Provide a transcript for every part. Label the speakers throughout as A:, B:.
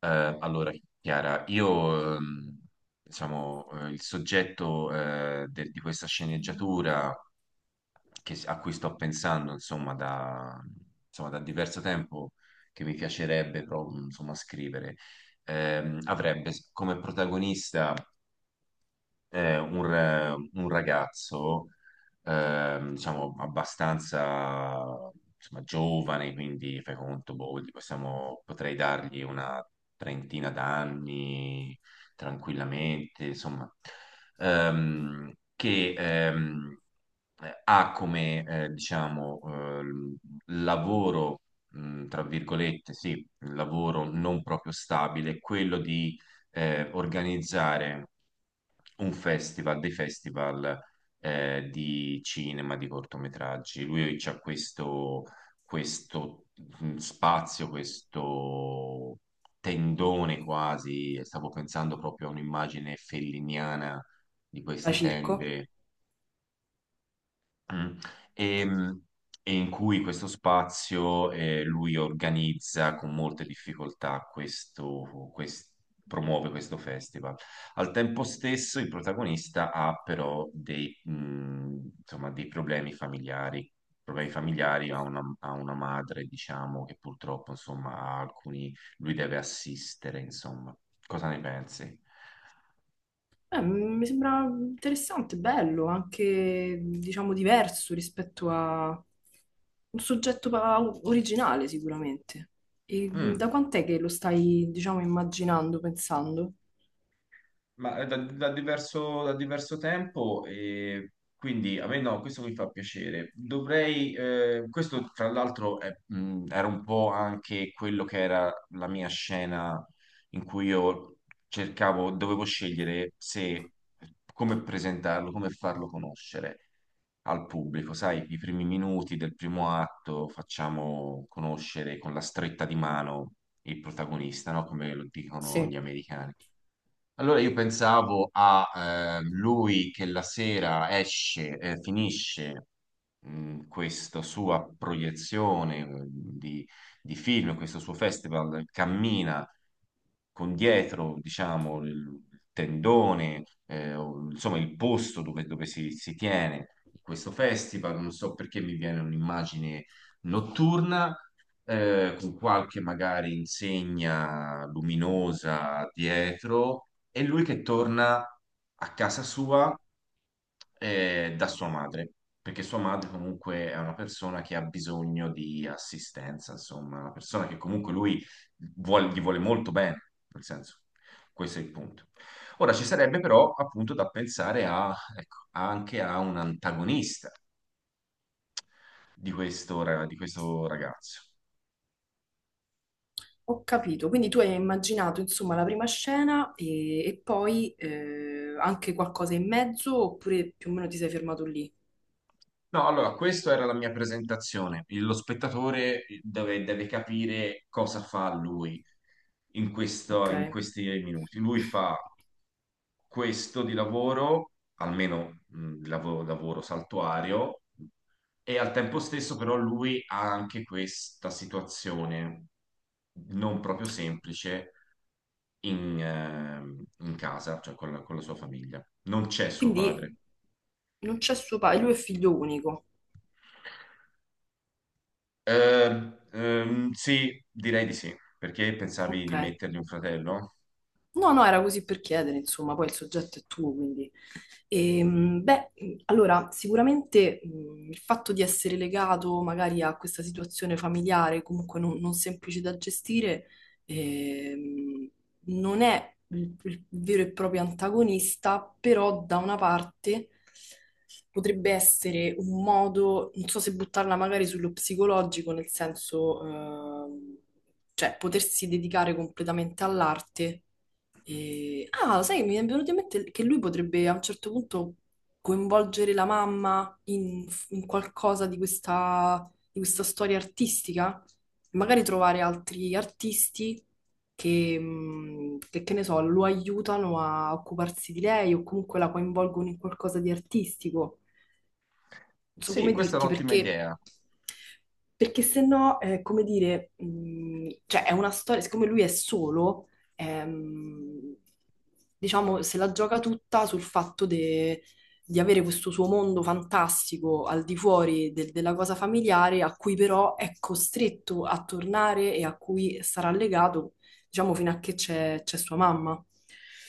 A: Eh, allora, Chiara, io, diciamo, il soggetto di questa sceneggiatura a cui sto pensando, insomma, da diverso tempo, che mi piacerebbe, insomma, scrivere, avrebbe come protagonista un ragazzo, diciamo, abbastanza insomma, giovane, quindi fai conto, boh, potrei dargli una trentina d'anni tranquillamente, insomma, che ha come, diciamo, lavoro, tra virgolette, sì, lavoro non proprio stabile, quello di organizzare un festival, dei festival di cinema, di cortometraggi. Lui c'ha questo spazio, questo tendone quasi, stavo pensando proprio a un'immagine felliniana di
B: Da
A: queste
B: circo?
A: tende. Mm. E, mh, e in cui questo spazio lui organizza con molte difficoltà promuove questo festival. Al tempo stesso il protagonista ha però insomma, dei problemi familiari. Problemi familiari, ha una madre, diciamo, che purtroppo, insomma, ha alcuni, lui deve assistere, insomma. Cosa ne pensi?
B: Mi sembra interessante, bello, anche diciamo diverso rispetto a un originale sicuramente. E
A: Mm.
B: da quant'è che lo stai, diciamo, immaginando, pensando?
A: Da da diverso tempo e quindi a me no, questo mi fa piacere. Questo tra l'altro è, era un po' anche quello che era la mia scena in cui io cercavo, dovevo scegliere se, come presentarlo, come farlo conoscere al pubblico. Sai, i primi minuti del primo atto facciamo conoscere con la stretta di mano il protagonista, no? Come lo dicono gli
B: Sì,
A: americani. Allora io pensavo a lui che la sera esce, finisce questa sua proiezione eh, di, di film, questo suo festival cammina con dietro, diciamo, il tendone, o, insomma, il posto dove si tiene questo festival. Non so perché mi viene un'immagine notturna, con qualche magari insegna luminosa dietro, e lui che torna a casa sua, da sua madre, perché sua madre comunque è una persona che ha bisogno di assistenza, insomma, una persona che comunque lui gli vuole molto bene, nel senso, questo è il punto. Ora ci sarebbe però appunto da pensare a, ecco, anche a un antagonista di questo ragazzo.
B: ho capito. Quindi tu hai immaginato, insomma, la prima scena e poi anche qualcosa in mezzo oppure più o meno ti sei fermato lì?
A: No, allora, questa era la mia presentazione. Lo spettatore deve, deve capire cosa fa lui
B: Ok.
A: in questi minuti. Lui fa questo di lavoro, almeno lavoro saltuario, e al tempo stesso però lui ha anche questa situazione non proprio semplice in casa, cioè con con la sua famiglia. Non c'è suo
B: Quindi
A: padre.
B: non c'è suo padre, lui è figlio unico.
A: Sì, direi di sì. Perché pensavi
B: Ok.
A: di mettergli un fratello?
B: No, no, era così per chiedere, insomma, poi il soggetto è tuo, quindi. Beh, allora, sicuramente il fatto di essere legato magari a questa situazione familiare, comunque non semplice da gestire, ehm, non è il vero e proprio antagonista, però da una parte potrebbe essere un modo, non so se buttarla magari sullo psicologico, nel senso, cioè potersi dedicare completamente all'arte. Ah, sai, mi è venuto in mente che lui potrebbe a un certo punto coinvolgere la mamma in qualcosa di questa storia artistica, magari trovare altri artisti che, che ne so, lo aiutano a occuparsi di lei o comunque la coinvolgono in qualcosa di artistico non so
A: Sì,
B: come
A: questa è
B: dirti,
A: un'ottima
B: perché,
A: idea.
B: perché se no, come dire, cioè è una storia, siccome lui è solo, ehm, diciamo, se la gioca tutta sul di avere questo suo mondo fantastico al di fuori della cosa familiare, a cui però è costretto a tornare e a cui sarà legato, diciamo, fino a che c'è sua mamma.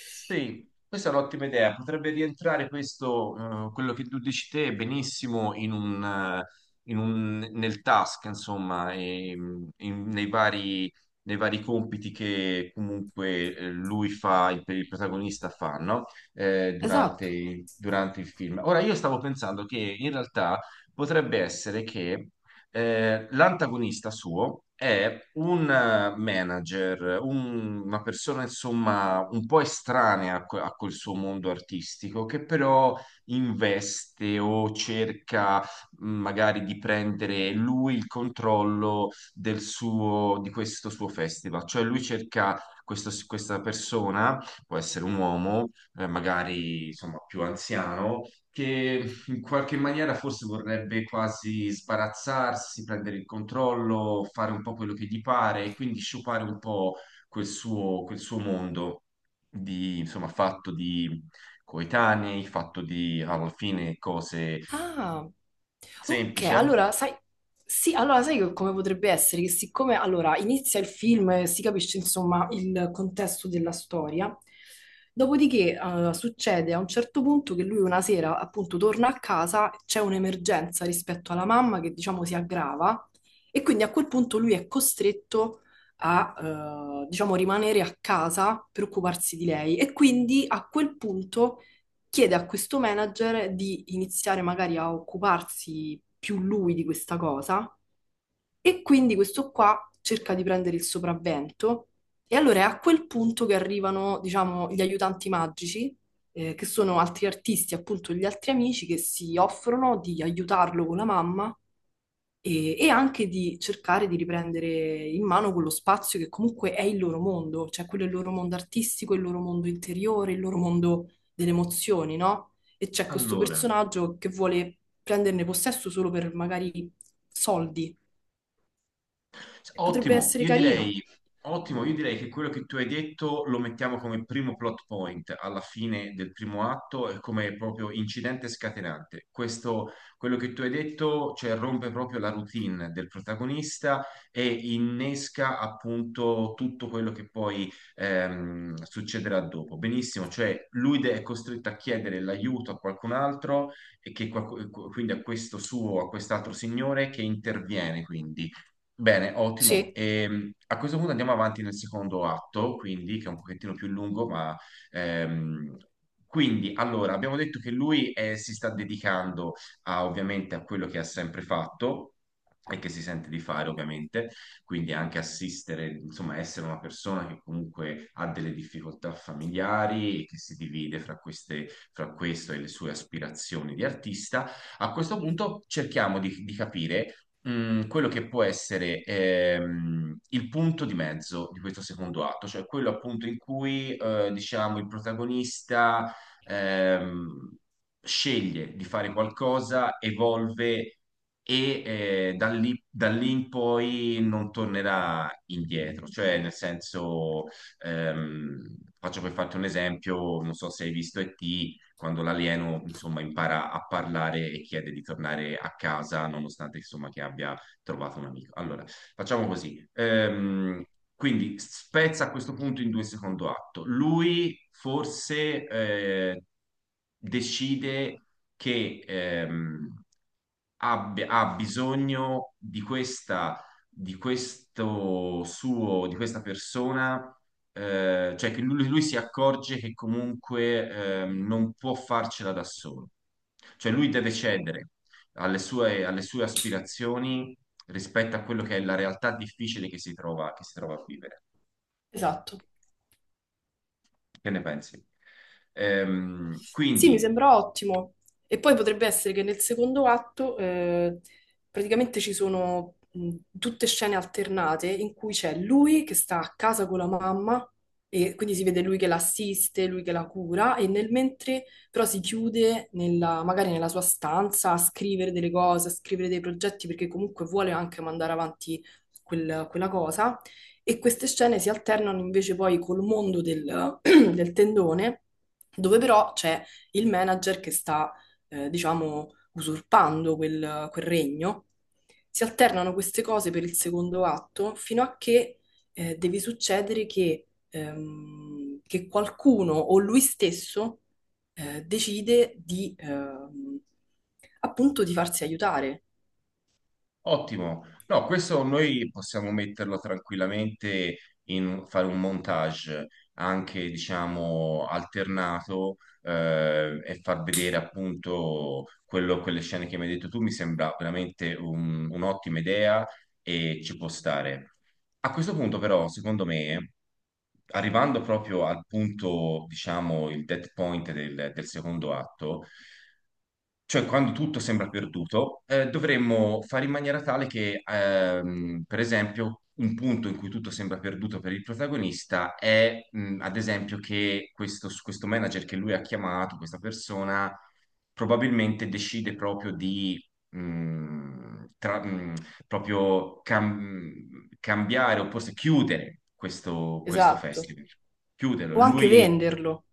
A: Sì, questa è un'ottima idea. Potrebbe rientrare questo, quello che tu dici te, benissimo nel task, insomma, e, in- nei vari, nei vari compiti che comunque lui fa, il protagonista fa, no?
B: Esatto.
A: Durante il film. Ora, io stavo pensando che in realtà potrebbe essere che l'antagonista suo è un manager, una persona insomma un po' estranea a, a quel suo mondo artistico, che però investe o cerca magari di prendere lui il controllo del suo, di questo suo festival. Cioè lui cerca questa persona, può essere un uomo, magari insomma più anziano, che in qualche maniera forse vorrebbe quasi sbarazzarsi, prendere il controllo, fare un po' quello che gli pare e quindi sciupare un po' quel suo mondo di, insomma, fatto di coetanei, fatto di alla fine cose
B: Ah, ok,
A: semplici. Eh.
B: allora sai, sì, allora sai come potrebbe essere che siccome allora inizia il film e si capisce insomma il contesto della storia, dopodiché succede a un certo punto che lui una sera appunto torna a casa, c'è un'emergenza rispetto alla mamma che diciamo si aggrava e quindi a quel punto lui è costretto a diciamo rimanere a casa per occuparsi di lei e quindi a quel punto chiede a questo manager di iniziare magari a occuparsi più lui di questa cosa e quindi questo qua cerca di prendere il sopravvento e allora è a quel punto che arrivano, diciamo, gli aiutanti magici, che sono altri artisti, appunto gli altri amici che si offrono di aiutarlo con la mamma e anche di cercare di riprendere in mano quello spazio che comunque è il loro mondo, cioè quello è il loro mondo artistico, il loro mondo interiore, il loro mondo delle emozioni, no? E c'è questo
A: Allora.
B: personaggio che vuole prenderne possesso solo per magari soldi. Potrebbe
A: Ottimo,
B: essere
A: io
B: carino.
A: direi, ottimo, io direi che quello che tu hai detto lo mettiamo come primo plot point alla fine del primo atto e come proprio incidente scatenante. Questo, quello che tu hai detto, cioè, rompe proprio la routine del protagonista e innesca appunto tutto quello che poi succederà dopo. Benissimo, cioè è costretto a chiedere l'aiuto a qualcun altro e che quindi a a quest'altro signore che interviene quindi. Bene, ottimo.
B: Sì,
A: A questo punto andiamo avanti nel secondo atto, quindi che è un pochettino più lungo, ma ehm, quindi allora abbiamo detto che lui si sta dedicando a, ovviamente a quello che ha sempre fatto e che si sente di fare, ovviamente, quindi anche assistere, insomma, essere una persona che comunque ha delle difficoltà familiari e che si divide fra queste, fra questo e le sue aspirazioni di artista. A questo punto cerchiamo di capire mm, quello che può essere il punto di mezzo di questo secondo atto, cioè quello appunto in cui diciamo il protagonista ehm, sceglie di fare qualcosa, evolve e da lì in poi non tornerà indietro, cioè nel senso, ehm, faccio per farti un esempio, non so se hai visto E.T., quando l'alieno insomma impara a parlare e chiede di tornare a casa nonostante insomma che abbia trovato un amico. Allora, facciamo così. Quindi spezza a questo punto in due il secondo atto. Lui forse decide che ha bisogno di questa, di questo suo, di questa persona, cioè che lui si accorge che comunque non può farcela da solo. Cioè lui deve cedere alle sue aspirazioni rispetto a quello che è la realtà difficile che si trova a vivere.
B: esatto.
A: Che ne pensi? Ehm,
B: Sì, mi
A: quindi
B: sembra ottimo. E poi potrebbe essere che nel secondo atto praticamente ci sono tutte scene alternate in cui c'è lui che sta a casa con la mamma e quindi si vede lui che l'assiste, lui che la cura e nel mentre però si chiude magari nella sua stanza a scrivere delle cose, a scrivere dei progetti perché comunque vuole anche mandare avanti quella cosa e queste scene si alternano invece poi col mondo del del tendone dove però c'è il manager che sta, diciamo, usurpando quel regno. Si alternano queste cose per il secondo atto fino a che deve succedere che qualcuno o lui stesso decide appunto, di farsi aiutare.
A: Ottimo. No, questo noi possiamo metterlo tranquillamente in fare un montage anche, diciamo, alternato e far vedere appunto quello, quelle scene che mi hai detto tu. Mi sembra veramente un'ottima idea e ci può stare. A questo punto, però, secondo me, arrivando proprio al punto, diciamo, il dead point del secondo atto, cioè quando tutto sembra perduto, dovremmo fare in maniera tale che, per esempio, un punto in cui tutto sembra perduto per il protagonista è, ad esempio, che questo manager che lui ha chiamato, questa persona, probabilmente decide proprio di... mh, tra- mh, proprio cambiare o forse chiudere questo
B: Esatto.
A: festival. Chiuderlo.
B: O anche
A: Lui
B: venderlo.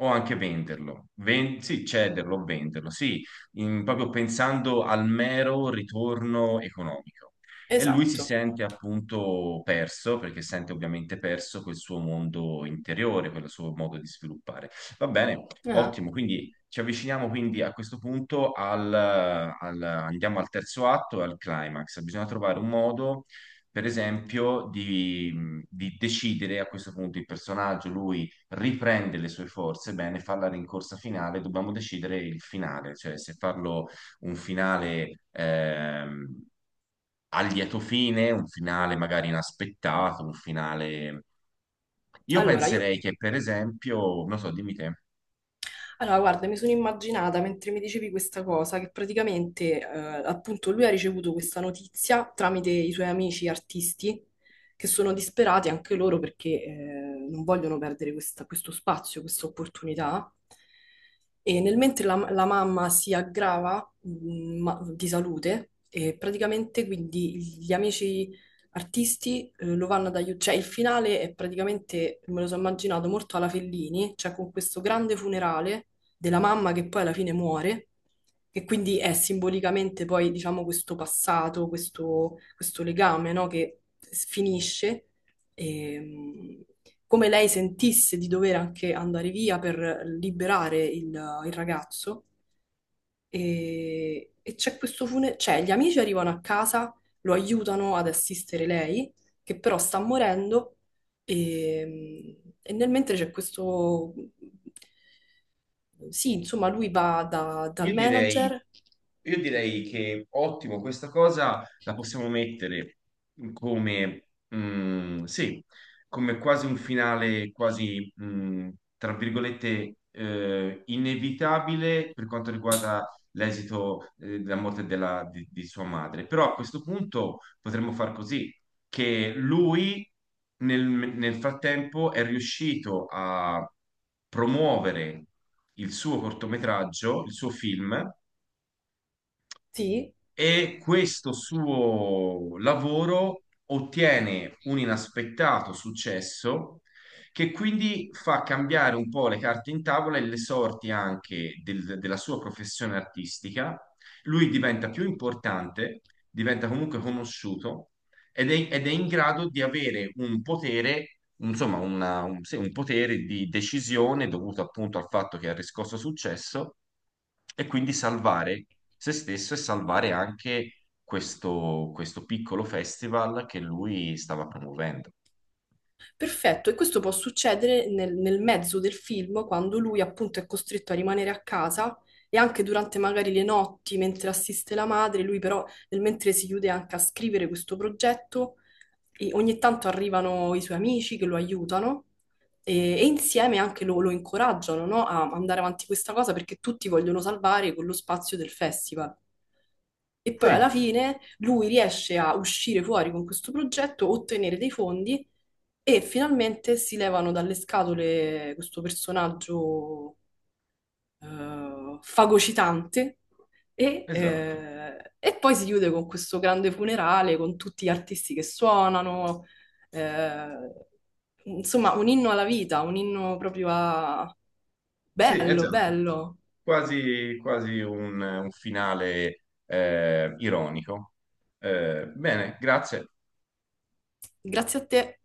A: o anche venderlo. Sì, cederlo o venderlo, sì, in- proprio pensando al mero ritorno economico. E lui si
B: Esatto.
A: sente appunto perso, perché sente ovviamente perso quel suo mondo interiore, quel suo modo di sviluppare. Va bene,
B: Ah.
A: ottimo, quindi ci avviciniamo quindi a questo punto al, andiamo al terzo atto e al climax. Bisogna trovare un modo, per esempio, di decidere a questo punto il personaggio, lui riprende le sue forze, bene, fa la rincorsa finale, dobbiamo decidere il finale, cioè se farlo un finale a lieto fine, un finale magari inaspettato, un finale... Io
B: Allora, io
A: penserei che, per esempio, non so, dimmi te.
B: allora, guarda, mi sono immaginata mentre mi dicevi questa cosa che praticamente, appunto, lui ha ricevuto questa notizia tramite i suoi amici artisti che sono disperati anche loro perché, non vogliono perdere questo spazio, questa opportunità. E nel mentre la mamma si aggrava, di salute, e praticamente quindi gli amici artisti lo vanno ad aiutare. Cioè, il finale è praticamente, me lo sono immaginato, molto alla Fellini, cioè con questo grande funerale della mamma che poi alla fine muore, che quindi è simbolicamente poi, diciamo, questo passato, questo legame, no, che s- finisce, e, come lei sentisse di dover anche andare via per liberare il ragazzo. E c'è questo funerale, cioè gli amici arrivano a casa, lo aiutano ad assistere lei, che però sta morendo e, e nel mentre c'è questo, sì, insomma, lui va dal
A: Io direi,
B: manager,
A: io direi che ottimo, questa cosa la possiamo mettere come, sì, come quasi un finale, quasi, mm, tra virgolette, inevitabile per quanto riguarda l'esito, della di sua madre. Però a questo punto potremmo far così che lui nel frattempo è riuscito a promuovere il suo cortometraggio, il suo film,
B: sì,
A: e questo suo lavoro ottiene un inaspettato successo che quindi fa cambiare un po' le carte in tavola e le sorti anche della sua professione artistica. Lui diventa più importante, diventa comunque conosciuto ed è in grado di avere un potere, insomma, sì, un potere di decisione dovuto appunto al fatto che ha riscosso successo e quindi salvare se stesso e salvare anche questo piccolo festival che lui stava promuovendo.
B: perfetto, e questo può succedere nel mezzo del film, quando lui appunto è costretto a rimanere a casa e anche durante magari le notti, mentre assiste la madre, lui però nel mentre si chiude anche a scrivere questo progetto, e ogni tanto arrivano i suoi amici che lo aiutano e insieme anche lo incoraggiano, no, a andare avanti questa cosa perché tutti vogliono salvare quello spazio del festival. E
A: Sì,
B: poi alla fine lui riesce a uscire fuori con questo progetto, ottenere dei fondi e finalmente si levano dalle scatole questo personaggio fagocitante
A: esatto.
B: e poi si chiude con questo grande funerale con tutti gli artisti che suonano, eh, insomma un inno alla vita, un inno proprio a...
A: Sì,
B: Bello,
A: esatto.
B: bello.
A: Quasi, quasi un finale ironico. Bene, grazie.
B: Grazie a te.